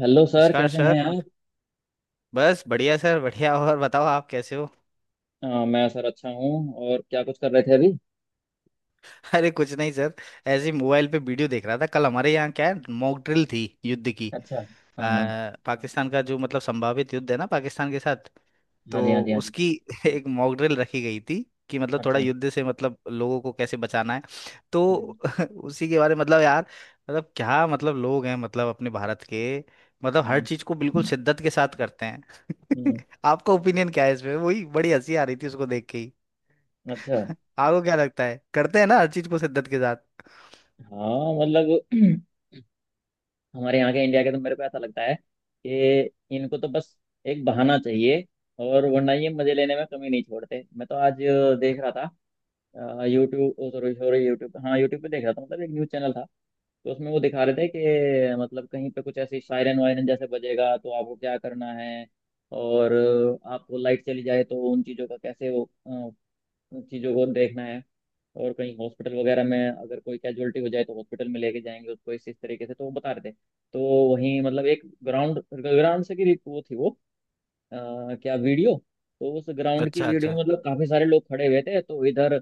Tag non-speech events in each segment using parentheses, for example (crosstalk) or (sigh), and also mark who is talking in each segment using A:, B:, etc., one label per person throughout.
A: Hello sir,
B: नमस्कार
A: कैसे
B: sir.
A: हैं आप?
B: बस बढ़िया सर बढ़िया। और बताओ आप कैसे हो?
A: मैं सर अच्छा हूँ। और क्या कुछ कर रहे थे अभी?
B: (laughs) अरे कुछ नहीं सर। ऐसे ही मोबाइल पे वीडियो देख रहा था, कल हमारे यहाँ क्या है, मॉक ड्रिल थी युद्ध की।
A: अच्छा।
B: अ,
A: हाँ हाँ।
B: पाकिस्तान का जो मतलब संभावित युद्ध है ना पाकिस्तान के साथ,
A: हाँ जी, हाँ
B: तो
A: जी, हाँ जी।
B: उसकी (laughs) एक मॉक ड्रिल रखी गई थी कि मतलब थोड़ा
A: अच्छा।
B: युद्ध से मतलब लोगों को कैसे बचाना है, तो
A: हम्म।
B: (laughs) उसी के बारे में मतलब यार, मतलब क्या, मतलब लोग हैं मतलब अपने भारत के, मतलब हर
A: हम्म।
B: चीज को बिल्कुल शिद्दत के साथ करते हैं।
A: हम्म,
B: (laughs) आपका ओपिनियन क्या है इसमें? वही बड़ी हंसी आ रही थी उसको देख के ही।
A: अच्छा।
B: आपको क्या लगता है, करते हैं ना हर चीज को शिद्दत के साथ?
A: हाँ, मतलब (clears throat) हमारे यहाँ के, इंडिया के तो मेरे को ऐसा लगता है कि इनको तो बस एक बहाना चाहिए। और वरना ये मजे लेने में कमी नहीं छोड़ते। मैं तो आज देख रहा था यूट्यूब, सॉरी सॉरी यूट्यूब हाँ यूट्यूब पे देख रहा था। मतलब एक न्यूज़ चैनल था, तो उसमें वो दिखा रहे थे कि मतलब कहीं पे कुछ ऐसी सायरन वायरन जैसे बजेगा तो आपको क्या करना है। और आपको लाइट चली जाए तो उन चीज़ों का कैसे वो, चीज़ों को देखना है। और कहीं हॉस्पिटल वगैरह में अगर कोई कैजुअलिटी हो जाए तो हॉस्पिटल में लेके जाएंगे उसको इस तरीके से, तो वो बता रहे थे। तो वहीं मतलब एक ग्राउंड ग्राउंड से की वो थी वो, क्या वीडियो। तो उस
B: (laughs)
A: ग्राउंड की
B: अच्छा
A: वीडियो
B: अच्छा।
A: में मतलब काफी सारे लोग खड़े हुए थे, तो इधर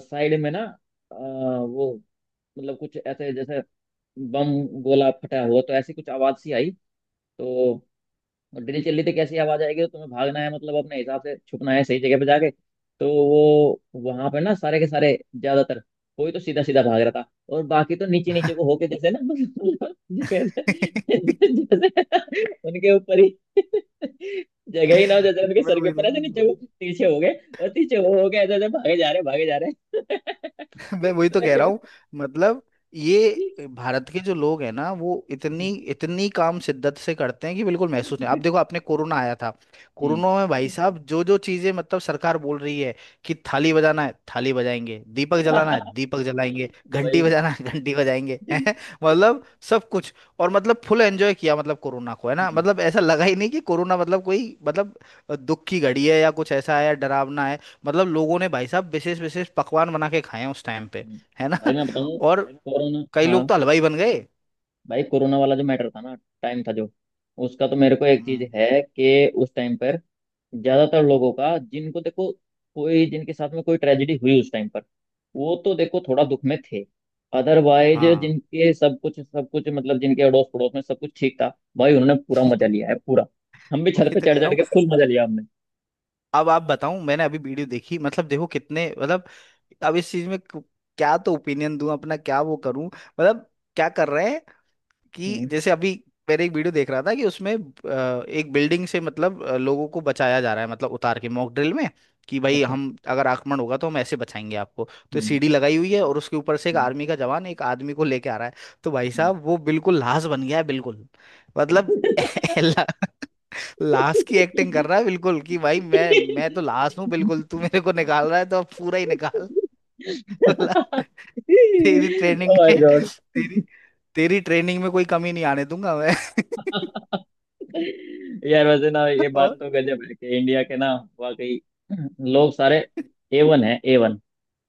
A: साइड में ना, वो मतलब कुछ ऐसे जैसे बम, गोला फटा हुआ, तो ऐसी कुछ आवाज सी आई। तो और ड्रिल चल रही थी, कैसी आवाज आएगी तो तुम्हें भागना है, मतलब अपने हिसाब से छुपना है सही जगह पे जाके। तो वो वहां पे ना, सारे के सारे ज्यादातर, कोई तो सीधा सीधा भाग रहा था। और बाकी तो नीचे नीचे को होके, जैसे ना (laughs) मतलब जैसे उनके ऊपर ही जगह ही ना हो, जैसे उनके
B: मैं
A: सर के
B: वही
A: ऊपर
B: बोल
A: ऐसे
B: रहा
A: नीचे को
B: हूँ।
A: पीछे हो गए। और पीछे वो हो गए, ऐसे ऐसे भागे जा रहे, भागे जा रहे।
B: (laughs) मैं वही तो कह रहा हूँ, मतलब ये भारत के जो लोग हैं ना, वो इतनी इतनी काम शिद्दत से करते हैं कि बिल्कुल महसूस नहीं। आप देखो आपने कोरोना आया था, कोरोना में भाई साहब जो जो चीजें मतलब सरकार बोल रही है कि थाली बजाना है थाली बजाएंगे, दीपक
A: (laughs)
B: जलाना है
A: हम्म।
B: दीपक जलाएंगे, घंटी
A: भाई।
B: बजाना है घंटी बजाएंगे। (laughs) हैं? मतलब सब कुछ। और मतलब फुल एंजॉय किया मतलब कोरोना को, है ना,
A: हम्म।
B: मतलब ऐसा लगा ही नहीं कि कोरोना मतलब कोई मतलब दुख की घड़ी है या कुछ ऐसा है या डरावना है। मतलब लोगों ने भाई साहब विशेष विशेष पकवान बना के खाए हैं उस टाइम पे,
A: हम्म।
B: है ना।
A: भाई
B: (laughs)
A: मैं बताऊँ।
B: और
A: कोरोना,
B: कई लोग
A: हाँ।
B: तो हलवाई बन गए।
A: भाई कोरोना वाला जो मैटर था ना, टाइम था जो, उसका तो मेरे को एक चीज
B: हम्म।
A: है कि उस टाइम पर ज्यादातर लोगों का, जिनको देखो, कोई जिनके साथ में कोई ट्रेजेडी हुई उस टाइम पर, वो तो देखो थोड़ा दुख में थे। अदरवाइज
B: हाँ।
A: जिनके सब कुछ मतलब जिनके अड़ोस पड़ोस में सब कुछ ठीक था, भाई उन्होंने पूरा मजा
B: (laughs)
A: लिया है, पूरा। हम भी छत
B: वही
A: पे
B: तो
A: चढ़
B: कह रहा
A: चढ़ के
B: हूँ।
A: फुल मजा लिया हमने।
B: अब आप बताऊं, मैंने अभी वीडियो देखी, मतलब देखो कितने, मतलब अब इस चीज में क्या तो ओपिनियन दूं अपना, क्या वो करूं, मतलब क्या कर रहे हैं। कि
A: हम्म।
B: जैसे अभी मैंने एक वीडियो देख रहा था कि उसमें एक बिल्डिंग से मतलब लोगों को बचाया जा रहा है मतलब उतार के मॉक ड्रिल में, कि भाई
A: अच्छा।
B: हम अगर आक्रमण होगा तो हम ऐसे बचाएंगे आपको, तो
A: हम्म।
B: सीढ़ी लगाई हुई है और उसके ऊपर से एक
A: हम्म।
B: आर्मी का जवान एक आदमी को लेके आ रहा है, तो भाई
A: हम्म।
B: साहब वो बिल्कुल लाश बन गया है बिल्कुल। मतलब (laughs) ला- लाश की एक्टिंग कर रहा है बिल्कुल कि भाई मैं तो लाश हूँ बिल्कुल,
A: (laughs)
B: तू मेरे को निकाल रहा है तो अब पूरा ही निकाल।
A: ओ
B: (laughs) तेरी ट्रेनिंग
A: माय
B: में
A: गॉड।
B: तेरी तेरी ट्रेनिंग में कोई कमी नहीं आने दूंगा मैं।
A: यार वैसे ना,
B: (laughs)
A: ये बात
B: और
A: तो गजब है कि इंडिया के ना, वाकई, लोग सारे ए वन है, ए वन।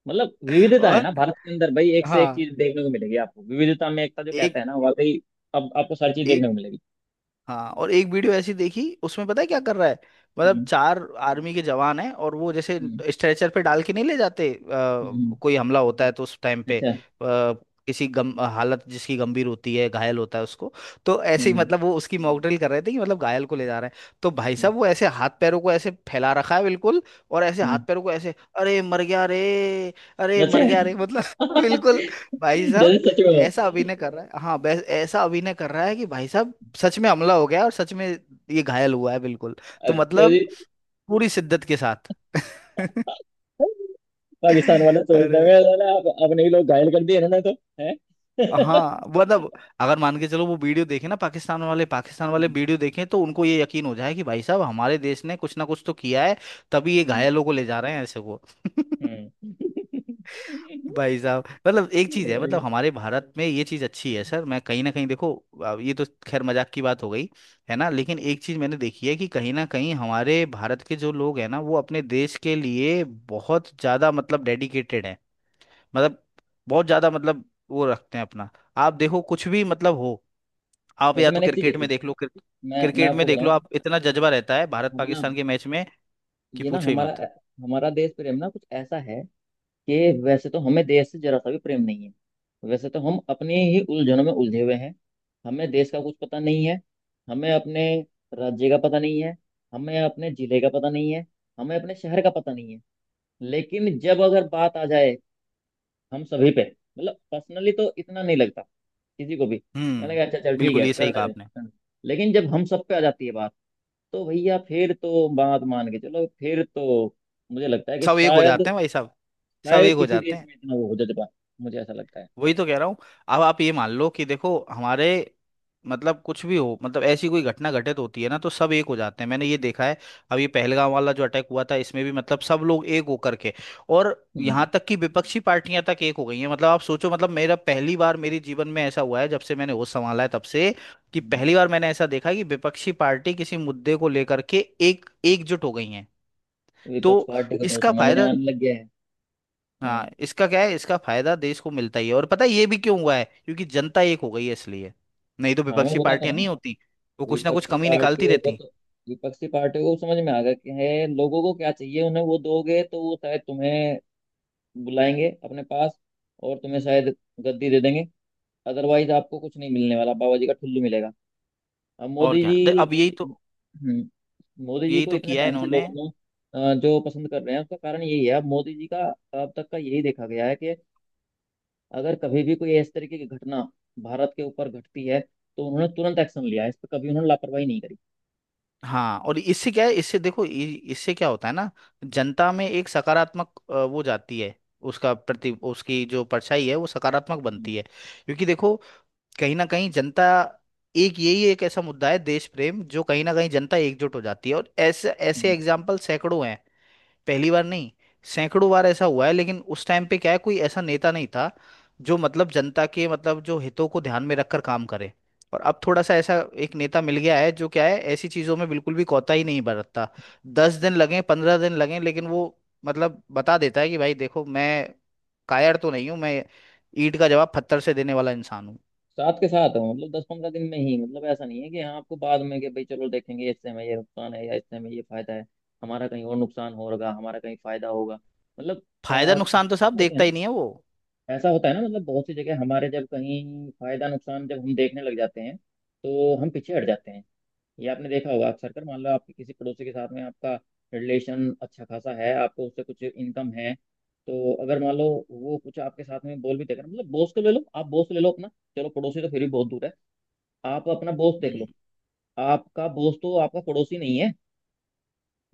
A: मतलब विविधता है ना
B: और
A: भारत के अंदर भाई, एक से एक
B: हाँ,
A: चीज देखने को मिलेगी आपको। विविधता में एकता जो कहते
B: एक
A: हैं ना, वाकई। अब आपको सारी चीज देखने
B: एक
A: को मिलेगी।
B: हाँ, और एक वीडियो ऐसी देखी, उसमें पता है क्या कर रहा है? मतलब
A: हम्म।
B: चार आर्मी के जवान हैं और वो जैसे
A: हम्म।
B: स्ट्रेचर पे डाल के नहीं ले जाते,
A: हम्म,
B: कोई हमला होता है तो उस टाइम पे
A: अच्छा।
B: किसी गम हालत, जिसकी गंभीर होती है, घायल होता है उसको, तो ऐसे ही
A: हम्म।
B: मतलब वो उसकी मॉक ड्रिल कर रहे थे कि मतलब घायल को ले जा रहे हैं, तो भाई
A: हम्म।
B: साहब वो ऐसे हाथ पैरों को ऐसे फैला रखा है बिल्कुल, और ऐसे हाथ
A: हम्म,
B: पैरों को ऐसे अरे मर गया रे, अरे
A: अच्छा।
B: मर गया रे, मतलब (laughs) बिल्कुल। भाई
A: (laughs) जैसे
B: साहब
A: सच में हो।
B: ऐसा अभिनय कर रहा है, हाँ बस ऐसा अभिनय कर रहा है कि भाई साहब सच में हमला हो गया और सच में ये घायल हुआ है बिल्कुल। तो
A: अच्छा
B: मतलब
A: जी।
B: पूरी शिद्दत के साथ। (laughs)
A: पाकिस्तान वाला सोचता है
B: अरे
A: मैं, साला आप- अपने ही लोग घायल कर दिए ना, ना तो है। (laughs)
B: हाँ, मतलब अगर मान के चलो वो वीडियो देखे ना पाकिस्तान वाले, पाकिस्तान वाले वीडियो देखें तो उनको ये यकीन हो जाए कि भाई साहब हमारे देश ने कुछ ना कुछ तो किया है, तभी ये
A: हम्म।
B: घायलों को ले जा रहे हैं ऐसे वो। (laughs)
A: हम्म। हम्म।
B: भाई साहब मतलब एक चीज है,
A: वही।
B: मतलब हमारे भारत में ये चीज अच्छी है सर, मैं कहीं ना कहीं देखो, अब ये तो खैर मजाक की बात हो गई है ना, लेकिन एक चीज मैंने देखी है कि कहीं ना कहीं हमारे भारत के जो लोग हैं ना वो अपने देश के लिए बहुत ज्यादा मतलब डेडिकेटेड हैं, मतलब बहुत ज्यादा, मतलब वो रखते हैं अपना। आप देखो कुछ भी मतलब हो, आप
A: वैसे
B: या तो
A: मैंने एक चीज
B: क्रिकेट में
A: देखी,
B: देख लो,
A: मैं
B: क्रिकेट में
A: आपको
B: देख लो
A: बताऊं।
B: आप, इतना जज्बा रहता है भारत
A: हम ना,
B: पाकिस्तान के मैच में कि
A: ये ना
B: पूछो ही
A: हमारा
B: मत।
A: हमारा देश प्रेम ना कुछ ऐसा है कि वैसे तो हमें देश से जरा सा भी प्रेम नहीं है। वैसे तो हम अपने ही उलझनों में उलझे हुए हैं। हमें देश का कुछ पता नहीं है। हमें अपने राज्य का पता नहीं है। हमें अपने जिले का पता नहीं है। हमें अपने शहर का पता नहीं है। लेकिन जब अगर बात आ जाए हम सभी पे, मतलब पर्सनली तो इतना नहीं लगता, किसी को भी, कहने
B: हम्म।
A: लगा अच्छा चल ठीक
B: बिल्कुल
A: है,
B: ये सही
A: करने
B: कहा
A: दे
B: आपने।
A: करने दे। लेकिन जब हम सब पे आ जाती है बात, तो भैया फिर तो बात मान के चलो। फिर तो मुझे लगता है कि
B: सब एक हो जाते
A: शायद,
B: हैं भाई साहब, सब
A: शायद
B: एक हो
A: किसी
B: जाते
A: देश
B: हैं।
A: में इतना वो हो जज्बा, मुझे ऐसा लगता है।
B: वही तो कह रहा हूँ। अब आप ये मान लो कि देखो हमारे मतलब कुछ भी हो, मतलब ऐसी कोई घटना घटित होती है ना तो सब एक हो जाते हैं, मैंने ये देखा है। अब ये पहलगाम वाला जो अटैक हुआ था इसमें भी मतलब सब लोग एक होकर के, और
A: हम्म।
B: यहाँ तक कि विपक्षी पार्टियां तक एक हो गई हैं, मतलब आप सोचो, मतलब मेरा पहली बार, मेरे जीवन में ऐसा हुआ है जब से मैंने होश संभाला है तब से, कि
A: हम्म।
B: पहली बार मैंने ऐसा देखा है कि विपक्षी पार्टी किसी मुद्दे को लेकर के एक एकजुट हो गई हैं,
A: विपक्ष
B: तो
A: पार्टी को तो
B: इसका
A: समझने
B: फायदा,
A: आने लग गया है। हम्म।
B: हाँ इसका क्या है, इसका फायदा देश को मिलता ही है, और पता है ये भी क्यों हुआ है? क्योंकि जनता एक हो गई है, इसलिए। नहीं तो
A: हाँ मैं
B: विपक्षी
A: बता तो
B: पार्टियां
A: रहा
B: नहीं
A: हूँ।
B: होती, वो कुछ ना कुछ
A: विपक्षी
B: कमी निकालती
A: पार्टियों को
B: रहती।
A: तो, विपक्षी पार्टियों को समझ में आ गया कि है, लोगों को क्या चाहिए उन्हें वो दोगे तो वो शायद तुम्हें बुलाएंगे अपने पास। और तुम्हें शायद गद्दी दे देंगे। अदरवाइज आपको कुछ नहीं मिलने वाला, बाबा जी का ठुल्लू मिलेगा। अब
B: और
A: मोदी जी,
B: अब यही तो,
A: हम्म, मोदी जी
B: यही
A: को
B: तो
A: इतने
B: किया है
A: टाइम से
B: इन्होंने।
A: लोगों ने जो पसंद कर रहे हैं उसका कारण यही है। अब मोदी जी का अब तक का यही देखा गया है कि अगर कभी भी कोई इस तरीके की घटना भारत के ऊपर घटती है तो उन्होंने तुरंत एक्शन लिया है इस पर, कभी उन्होंने लापरवाही नहीं करी।
B: हाँ, और इससे क्या है, इससे देखो इससे क्या होता है ना, जनता में एक सकारात्मक वो जाती है, उसका प्रति उसकी जो परछाई है वो सकारात्मक
A: हम्म,
B: बनती है, क्योंकि देखो कहीं ना कहीं जनता, एक यही एक ऐसा मुद्दा है देश प्रेम, जो कहीं ना कहीं जनता एकजुट हो जाती है, और ऐसे ऐसे
A: हम्म।
B: एग्जाम्पल सैकड़ों हैं। पहली बार नहीं, सैकड़ों बार ऐसा हुआ है, लेकिन उस टाइम पे क्या है कोई ऐसा नेता नहीं था जो मतलब जनता के मतलब जो हितों को ध्यान में रखकर काम करे, और अब थोड़ा सा ऐसा एक नेता मिल गया है जो क्या है ऐसी चीजों में बिल्कुल भी कोताही ही नहीं बरतता। 10 दिन लगे, 15 दिन लगे, लेकिन वो मतलब बता देता है कि भाई देखो मैं कायर तो नहीं हूं मैं, ईंट का जवाब पत्थर से देने वाला इंसान हूँ।
A: साथ के साथ हो, मतलब 10-15 दिन में ही, मतलब ऐसा नहीं है कि हाँ आपको बाद में कि भाई चलो देखेंगे इससे हमें ये नुकसान है या इससे हमें ये फायदा है, हमारा कहीं और नुकसान होगा, हमारा कहीं फायदा होगा, मतलब, अ,
B: फायदा नुकसान तो साहब
A: ऐसा होता है
B: देखता
A: ना।
B: ही नहीं है वो।
A: ऐसा होता है ना, मतलब बहुत सी जगह हमारे, जब कहीं फायदा नुकसान जब हम देखने लग जाते हैं तो हम पीछे हट जाते हैं। ये आपने देखा होगा अक्सर, कर मान लो आपके किसी पड़ोसी के साथ में आपका रिलेशन अच्छा खासा है, आपको उससे कुछ इनकम है, तो अगर मान लो वो कुछ आपके साथ में बोल भी देगा, मतलब बॉस को ले लो, आप बॉस ले लो अपना। चलो पड़ोसी तो फिर भी बहुत दूर है, आप अपना बॉस देख लो।
B: हम्म।
A: आपका बॉस तो आपका पड़ोसी नहीं है।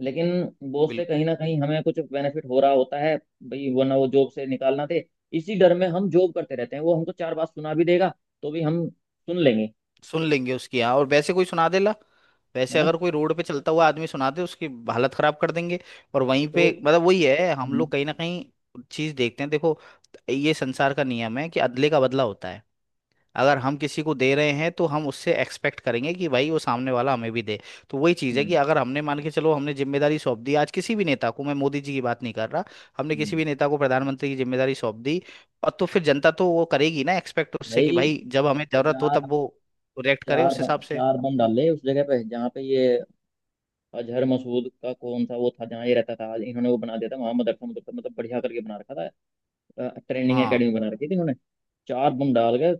A: लेकिन बॉस से कहीं ना कहीं हमें कुछ बेनिफिट हो रहा होता है भाई, वरना वो जॉब से निकालना दे। इसी डर में हम जॉब करते रहते हैं, वो हमको चार बात सुना भी देगा तो भी हम सुन लेंगे।
B: सुन लेंगे उसकी, हाँ। और वैसे कोई सुना दे ला,
A: है
B: वैसे
A: ना?
B: अगर कोई रोड पे चलता हुआ आदमी सुना दे उसकी हालत खराब कर देंगे। और वहीं
A: तो,
B: पे मतलब वही है, हम
A: हम्म।
B: लोग कहीं ना कहीं चीज देखते हैं। देखो ये संसार का नियम है कि अदले का बदला होता है, अगर हम किसी को दे रहे हैं तो हम उससे एक्सपेक्ट करेंगे कि भाई वो सामने वाला हमें भी दे, तो वही चीज़ है कि
A: हम्म।
B: अगर हमने मान के चलो हमने जिम्मेदारी सौंप दी आज किसी भी नेता को, मैं मोदी जी की बात नहीं कर रहा, हमने किसी
A: हम्म।
B: भी नेता को प्रधानमंत्री की जिम्मेदारी सौंप दी, और तो फिर जनता तो वो करेगी ना एक्सपेक्ट उससे कि
A: भाई
B: भाई जब हमें जरूरत हो
A: चार,
B: तब वो रिएक्ट करे उस हिसाब से।
A: चार बम डाल ले उस जगह पे जहाँ पे ये अजहर मसूद का, कौन सा वो था जहाँ ये रहता था, इन्होंने वो बना दिया था वहां, मदरसा मदरसा मतलब बढ़िया करके बना रखा था। ट्रेनिंग
B: हाँ,
A: एकेडमी बना रखी थी इन्होंने। चार बम डाल के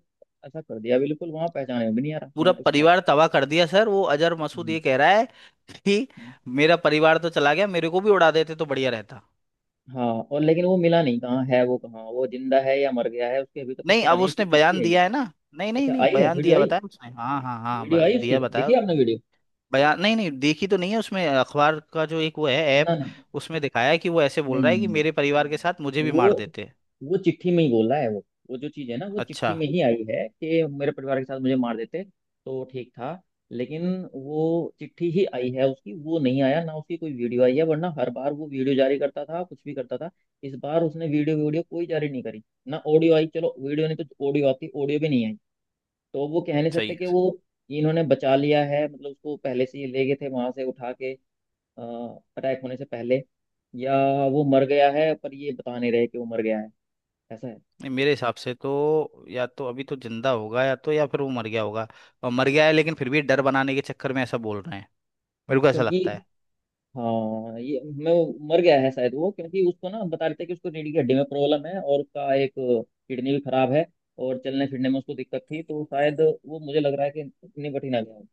A: ऐसा कर दिया, बिल्कुल वहां पहचाने में भी नहीं आ रहा
B: पूरा
A: यहाँ कुछ था।
B: परिवार तबाह कर दिया सर। वो अजहर मसूद
A: हम्म,
B: ये कह रहा है कि
A: हम्म।
B: मेरा परिवार तो चला गया, मेरे को भी उड़ा देते तो बढ़िया रहता।
A: हाँ, और लेकिन वो मिला नहीं, कहाँ है वो, कहाँ, वो जिंदा है या मर गया है, उसके अभी तक कुछ
B: नहीं,
A: पता
B: अब
A: नहीं। उसकी
B: उसने
A: चिट्ठी
B: बयान
A: आई है।
B: दिया है ना, नहीं नहीं
A: अच्छा
B: नहीं,
A: आई है,
B: बयान
A: वीडियो
B: दिया
A: आई?
B: बताया उसने, हाँ हाँ हाँ,
A: वीडियो आई उसकी?
B: दिया बताया
A: देखी
B: उसने।
A: आपने वीडियो?
B: बयान, नहीं नहीं देखी तो नहीं है, उसमें अखबार का जो एक वो है, ऐप,
A: ना ना,
B: उसमें दिखाया है कि वो ऐसे बोल
A: नहीं
B: रहा
A: नहीं
B: है
A: नहीं
B: कि
A: नहीं।
B: मेरे परिवार के साथ मुझे भी
A: वो
B: मार देते।
A: वो चिट्ठी में ही बोल रहा है। वो जो चीज है ना वो
B: अच्छा।
A: चिट्ठी में ही आई है कि मेरे परिवार के साथ मुझे मार देते तो ठीक था। लेकिन वो चिट्ठी ही आई है उसकी, वो नहीं आया ना, उसकी कोई वीडियो आई है? वरना हर बार वो वीडियो जारी करता था, कुछ भी करता था। इस बार उसने वीडियो वीडियो कोई जारी नहीं करी। ना ऑडियो आई, चलो वीडियो नहीं तो ऑडियो आती, ऑडियो भी नहीं आई। तो वो कह नहीं
B: सही
A: सकते कि
B: है।
A: वो, इन्होंने बचा लिया है, मतलब उसको पहले से ही ले गए थे वहां से उठा के, अ, अटैक होने से पहले। या वो मर गया है पर ये बता नहीं रहे कि वो मर गया है, ऐसा है।
B: नहीं, मेरे हिसाब से तो या तो अभी तो जिंदा होगा, या तो या फिर वो मर गया होगा और मर गया है लेकिन फिर भी डर बनाने के चक्कर में ऐसा बोल रहे हैं, मेरे को ऐसा
A: क्योंकि,
B: लगता है।
A: हाँ ये, मैं, वो मर गया है शायद वो, क्योंकि उसको ना बता रहे थे कि उसको रीढ़ की हड्डी में प्रॉब्लम है और उसका एक किडनी भी खराब है। और चलने फिरने में उसको दिक्कत थी, तो शायद वो, मुझे लग रहा है कि निपट ही ना गया हो।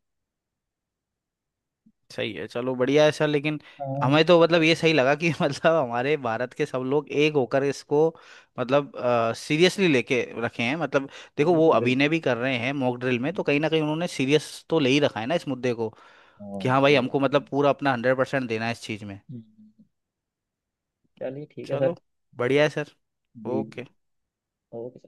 B: सही है, चलो बढ़िया है सर, लेकिन
A: हाँ,
B: हमें तो मतलब ये सही लगा कि (laughs) मतलब हमारे भारत के सब लोग एक होकर इसको मतलब सीरियसली लेके रखे हैं, मतलब देखो वो
A: बिल्कुल बिल्कुल।
B: अभिनय भी कर रहे हैं मॉक ड्रिल में तो कहीं ना कहीं उन्होंने सीरियस तो ले ही रखा है ना इस मुद्दे को,
A: हाँ
B: कि हाँ भाई
A: सही बात
B: हमको
A: है।
B: मतलब पूरा अपना 100% देना है इस चीज़ में।
A: हम्म, चलिए ठीक है
B: चलो
A: सर।
B: बढ़िया है सर।
A: जी
B: ओके।
A: जी। ओके।